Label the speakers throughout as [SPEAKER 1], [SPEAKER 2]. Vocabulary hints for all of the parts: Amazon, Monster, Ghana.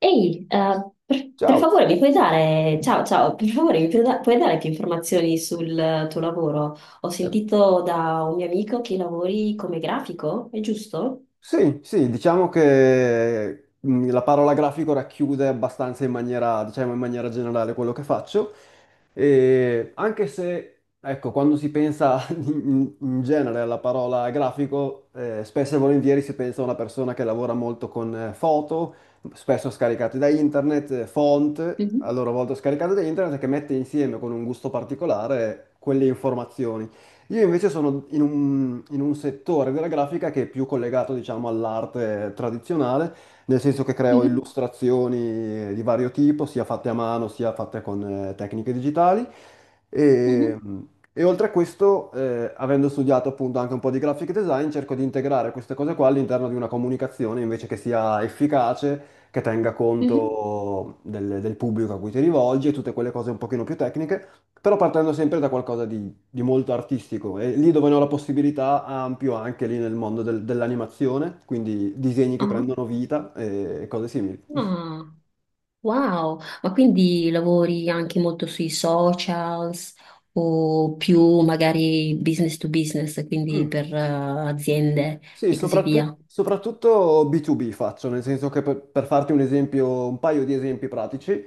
[SPEAKER 1] Ehi, per
[SPEAKER 2] Ciao.
[SPEAKER 1] favore mi puoi dare, ciao, ciao, per favore mi puoi, puoi dare più informazioni sul tuo lavoro? Ho sentito da un mio amico che lavori come grafico, è giusto?
[SPEAKER 2] Sì, sì, diciamo che la parola grafico racchiude abbastanza in maniera, diciamo, in maniera generale quello che faccio. E anche se, ecco, quando si pensa in genere alla parola grafico, spesso e volentieri si pensa a una persona che lavora molto con foto, spesso scaricate da internet, font, a
[SPEAKER 1] Mhm,
[SPEAKER 2] loro volta scaricate da internet, che mette insieme con un gusto particolare quelle informazioni. Io invece sono in un settore della grafica che è più collegato, diciamo, all'arte tradizionale, nel senso che creo
[SPEAKER 1] mhm,
[SPEAKER 2] illustrazioni di vario tipo, sia fatte a mano, sia fatte con tecniche digitali. E,
[SPEAKER 1] mhm,
[SPEAKER 2] e oltre a questo, avendo studiato appunto anche un po' di graphic design, cerco di integrare queste cose qua all'interno di una comunicazione invece che sia efficace, che tenga
[SPEAKER 1] mhm.
[SPEAKER 2] conto del pubblico a cui ti rivolgi e tutte quelle cose un pochino più tecniche, però partendo sempre da qualcosa di molto artistico e lì dove ne ho la possibilità ampio anche lì nel mondo dell'animazione, quindi disegni che
[SPEAKER 1] Ah,
[SPEAKER 2] prendono vita e cose simili.
[SPEAKER 1] ah, wow, ma quindi lavori anche molto sui socials o più magari business to business, quindi
[SPEAKER 2] Mm.
[SPEAKER 1] per aziende
[SPEAKER 2] Sì,
[SPEAKER 1] e così
[SPEAKER 2] soprattutto,
[SPEAKER 1] via?
[SPEAKER 2] soprattutto B2B faccio, nel senso che per farti un esempio, un paio di esempi pratici,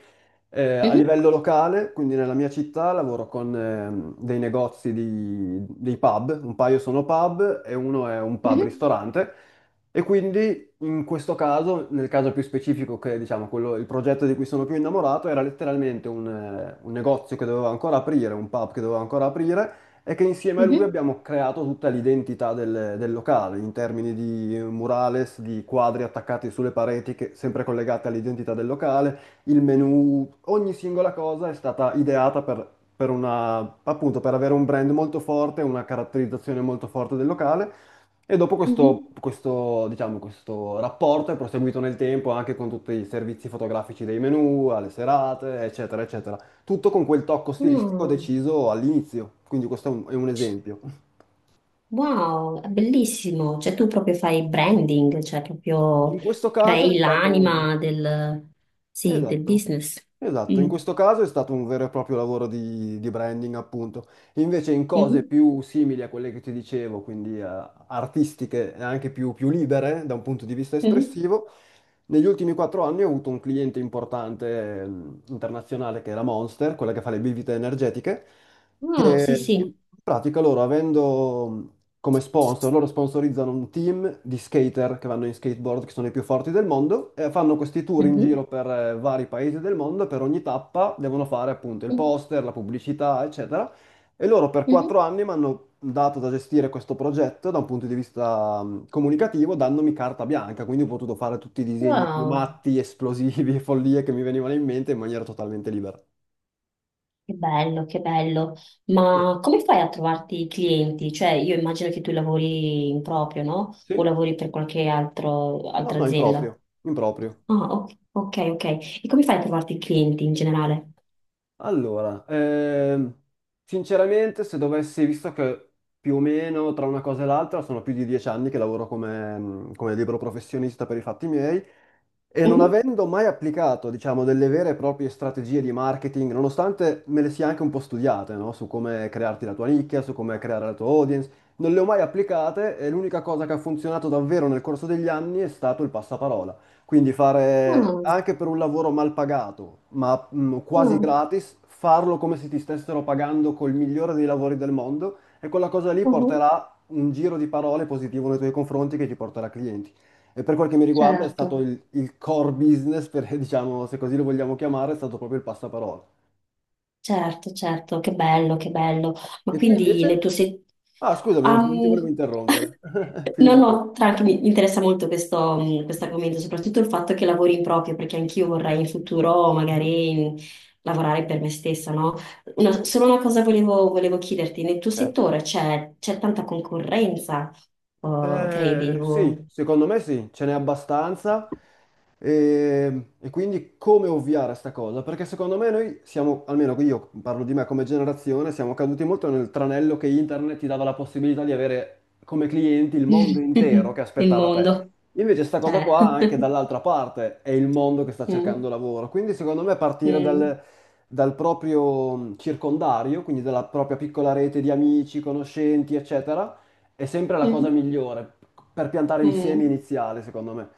[SPEAKER 2] a
[SPEAKER 1] Mhm,
[SPEAKER 2] livello locale, quindi nella mia città lavoro con dei negozi dei pub, un paio sono pub e uno è un
[SPEAKER 1] mhm,
[SPEAKER 2] pub-ristorante e quindi in questo caso, nel caso più specifico che diciamo quello, il progetto di cui sono più innamorato era letteralmente un negozio che dovevo ancora aprire, un pub che dovevo ancora aprire e che insieme a lui
[SPEAKER 1] mhm,
[SPEAKER 2] abbiamo creato tutta l'identità del locale in termini di murales, di quadri attaccati sulle pareti, che, sempre collegate all'identità del locale, il menu, ogni singola cosa è stata ideata per una, appunto, per avere un brand molto forte, una caratterizzazione molto forte del locale. E dopo questo,
[SPEAKER 1] mhm.
[SPEAKER 2] questo, diciamo, questo rapporto è proseguito nel tempo anche con tutti i servizi fotografici dei menu, alle serate, eccetera, eccetera tutto con quel tocco stilistico
[SPEAKER 1] Mm.
[SPEAKER 2] deciso all'inizio, quindi questo è un esempio.
[SPEAKER 1] Wow, è bellissimo. Cioè tu proprio fai branding, cioè proprio
[SPEAKER 2] In questo caso è
[SPEAKER 1] crei
[SPEAKER 2] stato...
[SPEAKER 1] l'anima del, sì, del
[SPEAKER 2] Esatto,
[SPEAKER 1] business.
[SPEAKER 2] esatto, in
[SPEAKER 1] Mm.
[SPEAKER 2] questo caso è stato un vero e proprio lavoro di branding, appunto. Invece in cose
[SPEAKER 1] Mhm,
[SPEAKER 2] più simili a quelle che ti dicevo, quindi artistiche e anche più libere da un punto di vista
[SPEAKER 1] mhm.
[SPEAKER 2] espressivo, negli ultimi 4 anni ho avuto un cliente importante internazionale che è la Monster, quella che fa le bibite energetiche,
[SPEAKER 1] Ah, sì,
[SPEAKER 2] che in
[SPEAKER 1] sì.
[SPEAKER 2] pratica loro avendo come sponsor, loro sponsorizzano un team di skater che vanno in skateboard, che sono i più forti del mondo, e fanno questi tour in
[SPEAKER 1] Mhm,
[SPEAKER 2] giro per vari paesi del mondo, e per ogni tappa devono fare appunto il
[SPEAKER 1] mhm,
[SPEAKER 2] poster, la pubblicità, eccetera. E loro per
[SPEAKER 1] mhm.
[SPEAKER 2] 4 anni mi hanno dato da gestire questo progetto da un punto di vista comunicativo, dandomi carta bianca, quindi ho potuto fare tutti i disegni più
[SPEAKER 1] Wow,
[SPEAKER 2] matti, esplosivi e follie che mi venivano in mente in maniera totalmente libera.
[SPEAKER 1] che bello, che bello. Ma come fai a trovarti i clienti? Cioè io immagino che tu lavori in proprio, no? O
[SPEAKER 2] Sì.
[SPEAKER 1] lavori per qualche altro,
[SPEAKER 2] No,
[SPEAKER 1] altra
[SPEAKER 2] no,
[SPEAKER 1] azienda.
[SPEAKER 2] improprio, improprio.
[SPEAKER 1] Ah, ok, ok, ok. E come fai a trovarti i clienti in generale?
[SPEAKER 2] Allora, sinceramente, se dovessi, visto che più o meno tra una cosa e l'altra sono più di 10 anni che lavoro come libero professionista per i fatti miei e non avendo mai applicato, diciamo, delle vere e proprie strategie di marketing, nonostante me le sia anche un po' studiate, no? Su come crearti la tua nicchia, su come creare la tua audience, non le ho mai applicate e l'unica cosa che ha funzionato davvero nel corso degli anni è stato il passaparola. Quindi fare
[SPEAKER 1] Mhm.
[SPEAKER 2] anche per un lavoro mal pagato, ma quasi
[SPEAKER 1] Ah,
[SPEAKER 2] gratis, farlo come se ti stessero pagando col migliore dei lavori del mondo e quella cosa lì
[SPEAKER 1] mhm,
[SPEAKER 2] porterà un giro di parole positivo nei tuoi confronti che ti porterà clienti. E per quel che mi riguarda è stato
[SPEAKER 1] certo,
[SPEAKER 2] il core business, diciamo, se così lo vogliamo chiamare, è stato proprio il passaparola.
[SPEAKER 1] certo, certo, che bello, che bello. Ma
[SPEAKER 2] E tu
[SPEAKER 1] quindi
[SPEAKER 2] invece?
[SPEAKER 1] le tue se...
[SPEAKER 2] Ah, scusami, non ti volevo
[SPEAKER 1] Am-
[SPEAKER 2] interrompere.
[SPEAKER 1] No,
[SPEAKER 2] Finisci pure.
[SPEAKER 1] no, tranqui, mi interessa molto questo
[SPEAKER 2] Mhm,
[SPEAKER 1] argomento, soprattutto il fatto che lavori in proprio, perché anch'io vorrei in futuro
[SPEAKER 2] mhm.
[SPEAKER 1] magari lavorare per me stessa, no? Solo una cosa volevo chiederti, nel tuo
[SPEAKER 2] Certo.
[SPEAKER 1] settore c'è tanta concorrenza, oh, credi,
[SPEAKER 2] Sì,
[SPEAKER 1] o-
[SPEAKER 2] secondo me sì, ce n'è abbastanza e quindi come ovviare a sta cosa? Perché secondo me noi siamo, almeno io parlo di me come generazione, siamo caduti molto nel tranello che internet ti dava la possibilità di avere come clienti il mondo intero che
[SPEAKER 1] nel
[SPEAKER 2] aspettava te.
[SPEAKER 1] mondo?
[SPEAKER 2] Invece sta cosa
[SPEAKER 1] Eh.
[SPEAKER 2] qua anche dall'altra parte è il mondo che sta
[SPEAKER 1] Mm,
[SPEAKER 2] cercando lavoro, quindi secondo me partire
[SPEAKER 1] mm.
[SPEAKER 2] dal proprio circondario, quindi dalla propria piccola rete di amici, conoscenti, eccetera è sempre la cosa
[SPEAKER 1] Mhm.
[SPEAKER 2] migliore per piantare il seme
[SPEAKER 1] Mm.
[SPEAKER 2] iniziale, secondo me.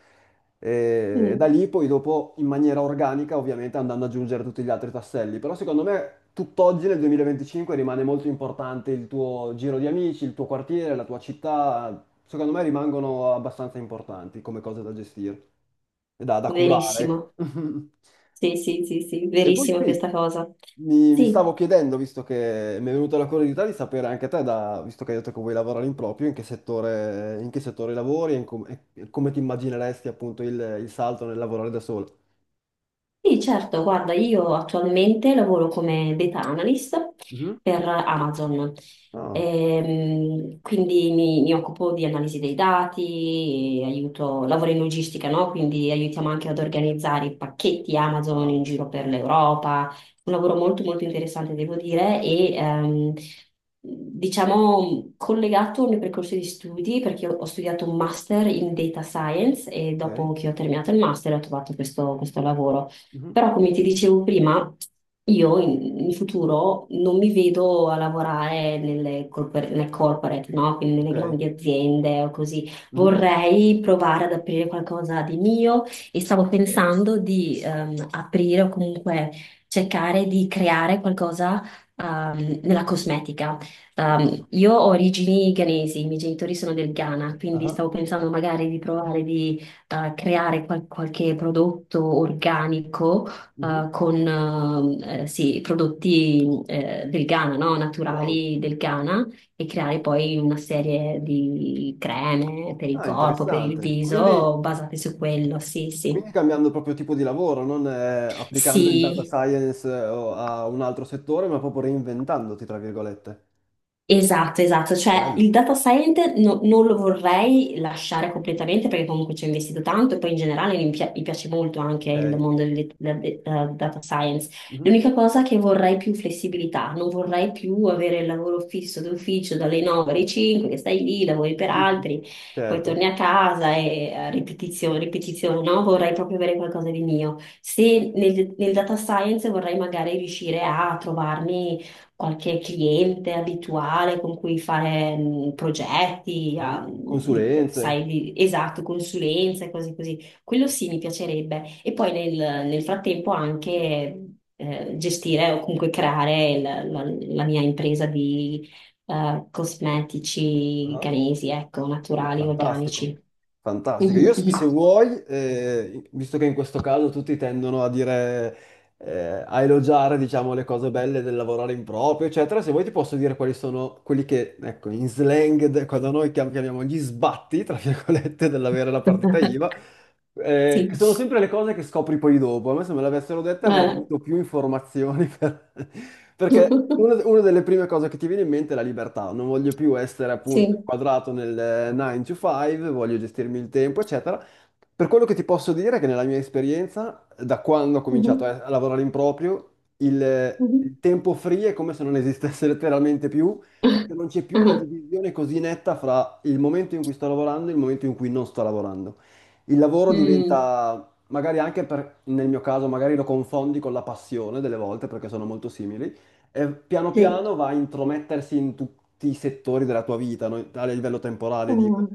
[SPEAKER 2] E da
[SPEAKER 1] Mm.
[SPEAKER 2] lì poi dopo in maniera organica, ovviamente andando ad aggiungere tutti gli altri tasselli, però secondo me tutt'oggi nel 2025 rimane molto importante il tuo giro di amici, il tuo quartiere, la tua città, secondo me rimangono abbastanza importanti come cose da gestire e da curare, ecco.
[SPEAKER 1] Verissimo. Sì, sì, sì, sì,
[SPEAKER 2] E poi
[SPEAKER 1] verissimo
[SPEAKER 2] sì,
[SPEAKER 1] questa cosa.
[SPEAKER 2] mi
[SPEAKER 1] Sì,
[SPEAKER 2] stavo chiedendo, visto che mi è venuta la curiosità di sapere anche te, visto che hai detto che vuoi lavorare in proprio, in che settore lavori e come ti immagineresti appunto il salto nel lavorare da solo.
[SPEAKER 1] sì, certo, guarda, io attualmente lavoro come data analyst
[SPEAKER 2] Mhm.
[SPEAKER 1] per Amazon.
[SPEAKER 2] Ah,
[SPEAKER 1] Quindi mi occupo di analisi dei dati, aiuto, lavoro in logistica, no? Quindi aiutiamo anche ad organizzare i pacchetti Amazon
[SPEAKER 2] ah,
[SPEAKER 1] in giro per l'Europa, un lavoro molto molto interessante devo dire, e diciamo collegato al mio percorso di studi, perché ho studiato un master in data science e dopo
[SPEAKER 2] ok.
[SPEAKER 1] che ho terminato il master ho trovato questo lavoro.
[SPEAKER 2] Mhm.
[SPEAKER 1] Però, come ti dicevo prima, io in futuro non mi vedo a lavorare nelle corporate, no? Quindi nelle
[SPEAKER 2] Ok.
[SPEAKER 1] grandi aziende o così.
[SPEAKER 2] Mhm.
[SPEAKER 1] Vorrei provare ad aprire qualcosa di mio e stavo pensando di aprire o comunque cercare di creare qualcosa nella cosmetica.
[SPEAKER 2] Ah,
[SPEAKER 1] Io ho origini ghanesi, i miei genitori sono del Ghana, quindi
[SPEAKER 2] ah,
[SPEAKER 1] stavo pensando magari di provare di creare qualche prodotto organico
[SPEAKER 2] mhm.
[SPEAKER 1] con sì, prodotti del Ghana, no?
[SPEAKER 2] Wow.
[SPEAKER 1] Naturali del Ghana, e creare poi una serie di creme per il
[SPEAKER 2] Ah,
[SPEAKER 1] corpo, per il
[SPEAKER 2] interessante. Quindi,
[SPEAKER 1] viso, basate su quello, sì,
[SPEAKER 2] quindi
[SPEAKER 1] sì.
[SPEAKER 2] cambiando proprio tipo di lavoro, non applicando il data
[SPEAKER 1] Sì,
[SPEAKER 2] science o a un altro settore, ma proprio reinventandoti, tra virgolette.
[SPEAKER 1] esatto, esatto, cioè
[SPEAKER 2] Bello.
[SPEAKER 1] il data scientist non lo vorrei lasciare completamente perché comunque ci ho investito tanto e poi in generale mi piace molto anche il
[SPEAKER 2] Ok.
[SPEAKER 1] mondo del data science.
[SPEAKER 2] Mhm.
[SPEAKER 1] L'unica cosa è che vorrei più flessibilità, non vorrei più avere il lavoro fisso d'ufficio dalle 9 alle 5, che stai lì, lavori per altri, poi
[SPEAKER 2] Certo.
[SPEAKER 1] torni a casa e ripetizione, ripetizione, no? Vorrei proprio avere qualcosa di mio. Se nel data science vorrei magari riuscire a trovarmi qualche cliente abituale con cui fare progetti,
[SPEAKER 2] Mhm. Consulenze.
[SPEAKER 1] sai, esatto, consulenze, cose così. Quello sì, mi piacerebbe. E poi nel frattempo anche gestire o comunque creare la mia impresa di cosmetici
[SPEAKER 2] Ah,
[SPEAKER 1] ghanesi, ecco,
[SPEAKER 2] beh,
[SPEAKER 1] naturali,
[SPEAKER 2] fantastico.
[SPEAKER 1] organici.
[SPEAKER 2] Fantastico. Io
[SPEAKER 1] Mhm,
[SPEAKER 2] se
[SPEAKER 1] mhm.
[SPEAKER 2] vuoi, visto che in questo caso tutti tendono a dire, a elogiare, diciamo, le cose belle del lavorare in proprio, eccetera, se vuoi ti posso dire quali sono quelli che, ecco, in slang, cosa noi chiamiamo gli sbatti, tra virgolette, dell'avere la partita IVA,
[SPEAKER 1] Sì.
[SPEAKER 2] che sono sempre le cose che scopri poi dopo. A me se me l'avessero detta avrei
[SPEAKER 1] Eh.
[SPEAKER 2] avuto più informazioni perché una, una delle prime cose che ti viene in mente è la libertà. Non voglio più essere appunto
[SPEAKER 1] Sì.
[SPEAKER 2] inquadrato nel 9 to 5, voglio gestirmi il tempo, eccetera. Per quello che ti posso dire è che nella mia esperienza, da quando ho cominciato
[SPEAKER 1] Mhm,
[SPEAKER 2] a lavorare in proprio, il,
[SPEAKER 1] mhm.
[SPEAKER 2] il tempo free è come se non esistesse letteralmente più, perché non c'è più una
[SPEAKER 1] Ah,
[SPEAKER 2] divisione così netta fra il momento in cui sto lavorando e il momento in cui non sto lavorando. Il lavoro
[SPEAKER 1] mm,
[SPEAKER 2] diventa, magari anche nel mio caso, magari lo confondi con la passione delle volte perché sono molto simili, e piano
[SPEAKER 1] sì.
[SPEAKER 2] piano va a intromettersi in tutti i settori della tua vita, no? A livello
[SPEAKER 1] Ừ.
[SPEAKER 2] temporale, dico.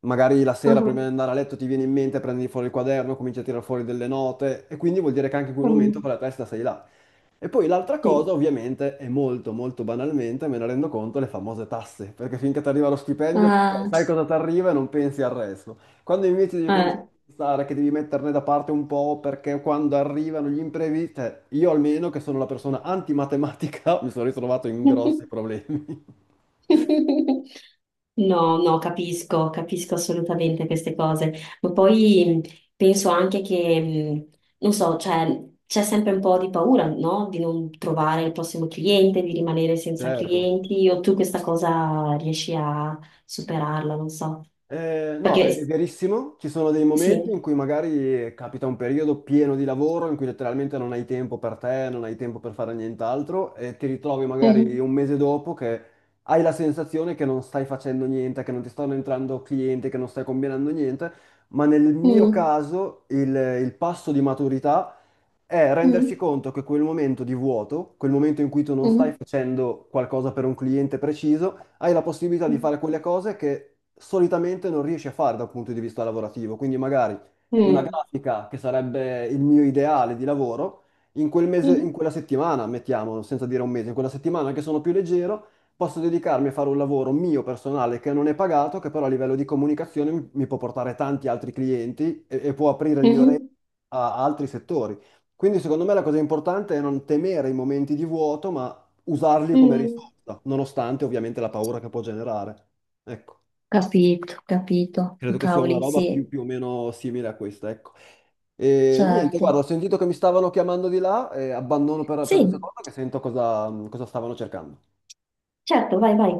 [SPEAKER 2] Magari la sera
[SPEAKER 1] Ừ.
[SPEAKER 2] prima di andare a letto ti viene in mente, prendi fuori il quaderno, cominci a tirare fuori delle note e quindi vuol dire che anche in quel
[SPEAKER 1] Ừ.
[SPEAKER 2] momento con la testa sei là. E poi l'altra cosa,
[SPEAKER 1] Sì.
[SPEAKER 2] ovviamente, è molto, molto banalmente, me ne rendo conto, le famose tasse, perché finché ti arriva lo stipendio, tu, ok,
[SPEAKER 1] Ah,
[SPEAKER 2] sai cosa ti arriva e non pensi al resto. Quando invece devi cominciare
[SPEAKER 1] eh.
[SPEAKER 2] a pensare che devi metterne da parte un po' perché quando arrivano gli imprevisti, cioè, io almeno che sono la persona antimatematica, mi sono ritrovato in grossi problemi.
[SPEAKER 1] No, no, capisco, capisco assolutamente queste cose, ma poi penso anche che, non so, cioè, c'è sempre un po' di paura, no? Di non trovare il prossimo cliente, di rimanere senza
[SPEAKER 2] Certo.
[SPEAKER 1] clienti, o tu questa cosa riesci a superarla, non so.
[SPEAKER 2] No, è
[SPEAKER 1] Perché,
[SPEAKER 2] verissimo, ci sono dei momenti
[SPEAKER 1] sì.
[SPEAKER 2] in cui magari capita un periodo pieno di lavoro in cui letteralmente non hai tempo per te, non hai tempo per fare nient'altro e ti ritrovi magari
[SPEAKER 1] Mhm.
[SPEAKER 2] un mese dopo che hai la sensazione che non stai facendo niente, che non ti stanno entrando clienti, che non stai combinando niente, ma nel mio
[SPEAKER 1] Mm.
[SPEAKER 2] caso il passo di maturità è rendersi
[SPEAKER 1] Mm.
[SPEAKER 2] conto che quel momento di vuoto, quel momento in cui tu non stai
[SPEAKER 1] Mm.
[SPEAKER 2] facendo qualcosa per un cliente preciso, hai la possibilità di
[SPEAKER 1] Mm.
[SPEAKER 2] fare quelle cose che solitamente non riesci a fare dal punto di vista lavorativo. Quindi magari una
[SPEAKER 1] Mm.
[SPEAKER 2] grafica che sarebbe il mio ideale di lavoro, in quel mese, in
[SPEAKER 1] Mhm.
[SPEAKER 2] quella settimana, mettiamo, senza dire un mese, in quella settimana che sono più leggero, posso dedicarmi a fare un lavoro mio personale che non è pagato, che però a livello di comunicazione mi può portare tanti altri clienti e può aprire il mio
[SPEAKER 1] Mhm.
[SPEAKER 2] a altri settori. Quindi secondo me la cosa importante è non temere i momenti di vuoto, ma usarli come
[SPEAKER 1] Mm.
[SPEAKER 2] risorsa, nonostante ovviamente la paura che può generare. Ecco.
[SPEAKER 1] Capito, capito. Oh,
[SPEAKER 2] Credo che sia una
[SPEAKER 1] cavoli,
[SPEAKER 2] roba
[SPEAKER 1] sì,
[SPEAKER 2] più o meno simile a questa, ecco. E niente, guarda,
[SPEAKER 1] certo.
[SPEAKER 2] ho sentito che mi stavano chiamando di là, e abbandono per un
[SPEAKER 1] Sì,
[SPEAKER 2] secondo che sento cosa stavano cercando.
[SPEAKER 1] certo, vai, vai.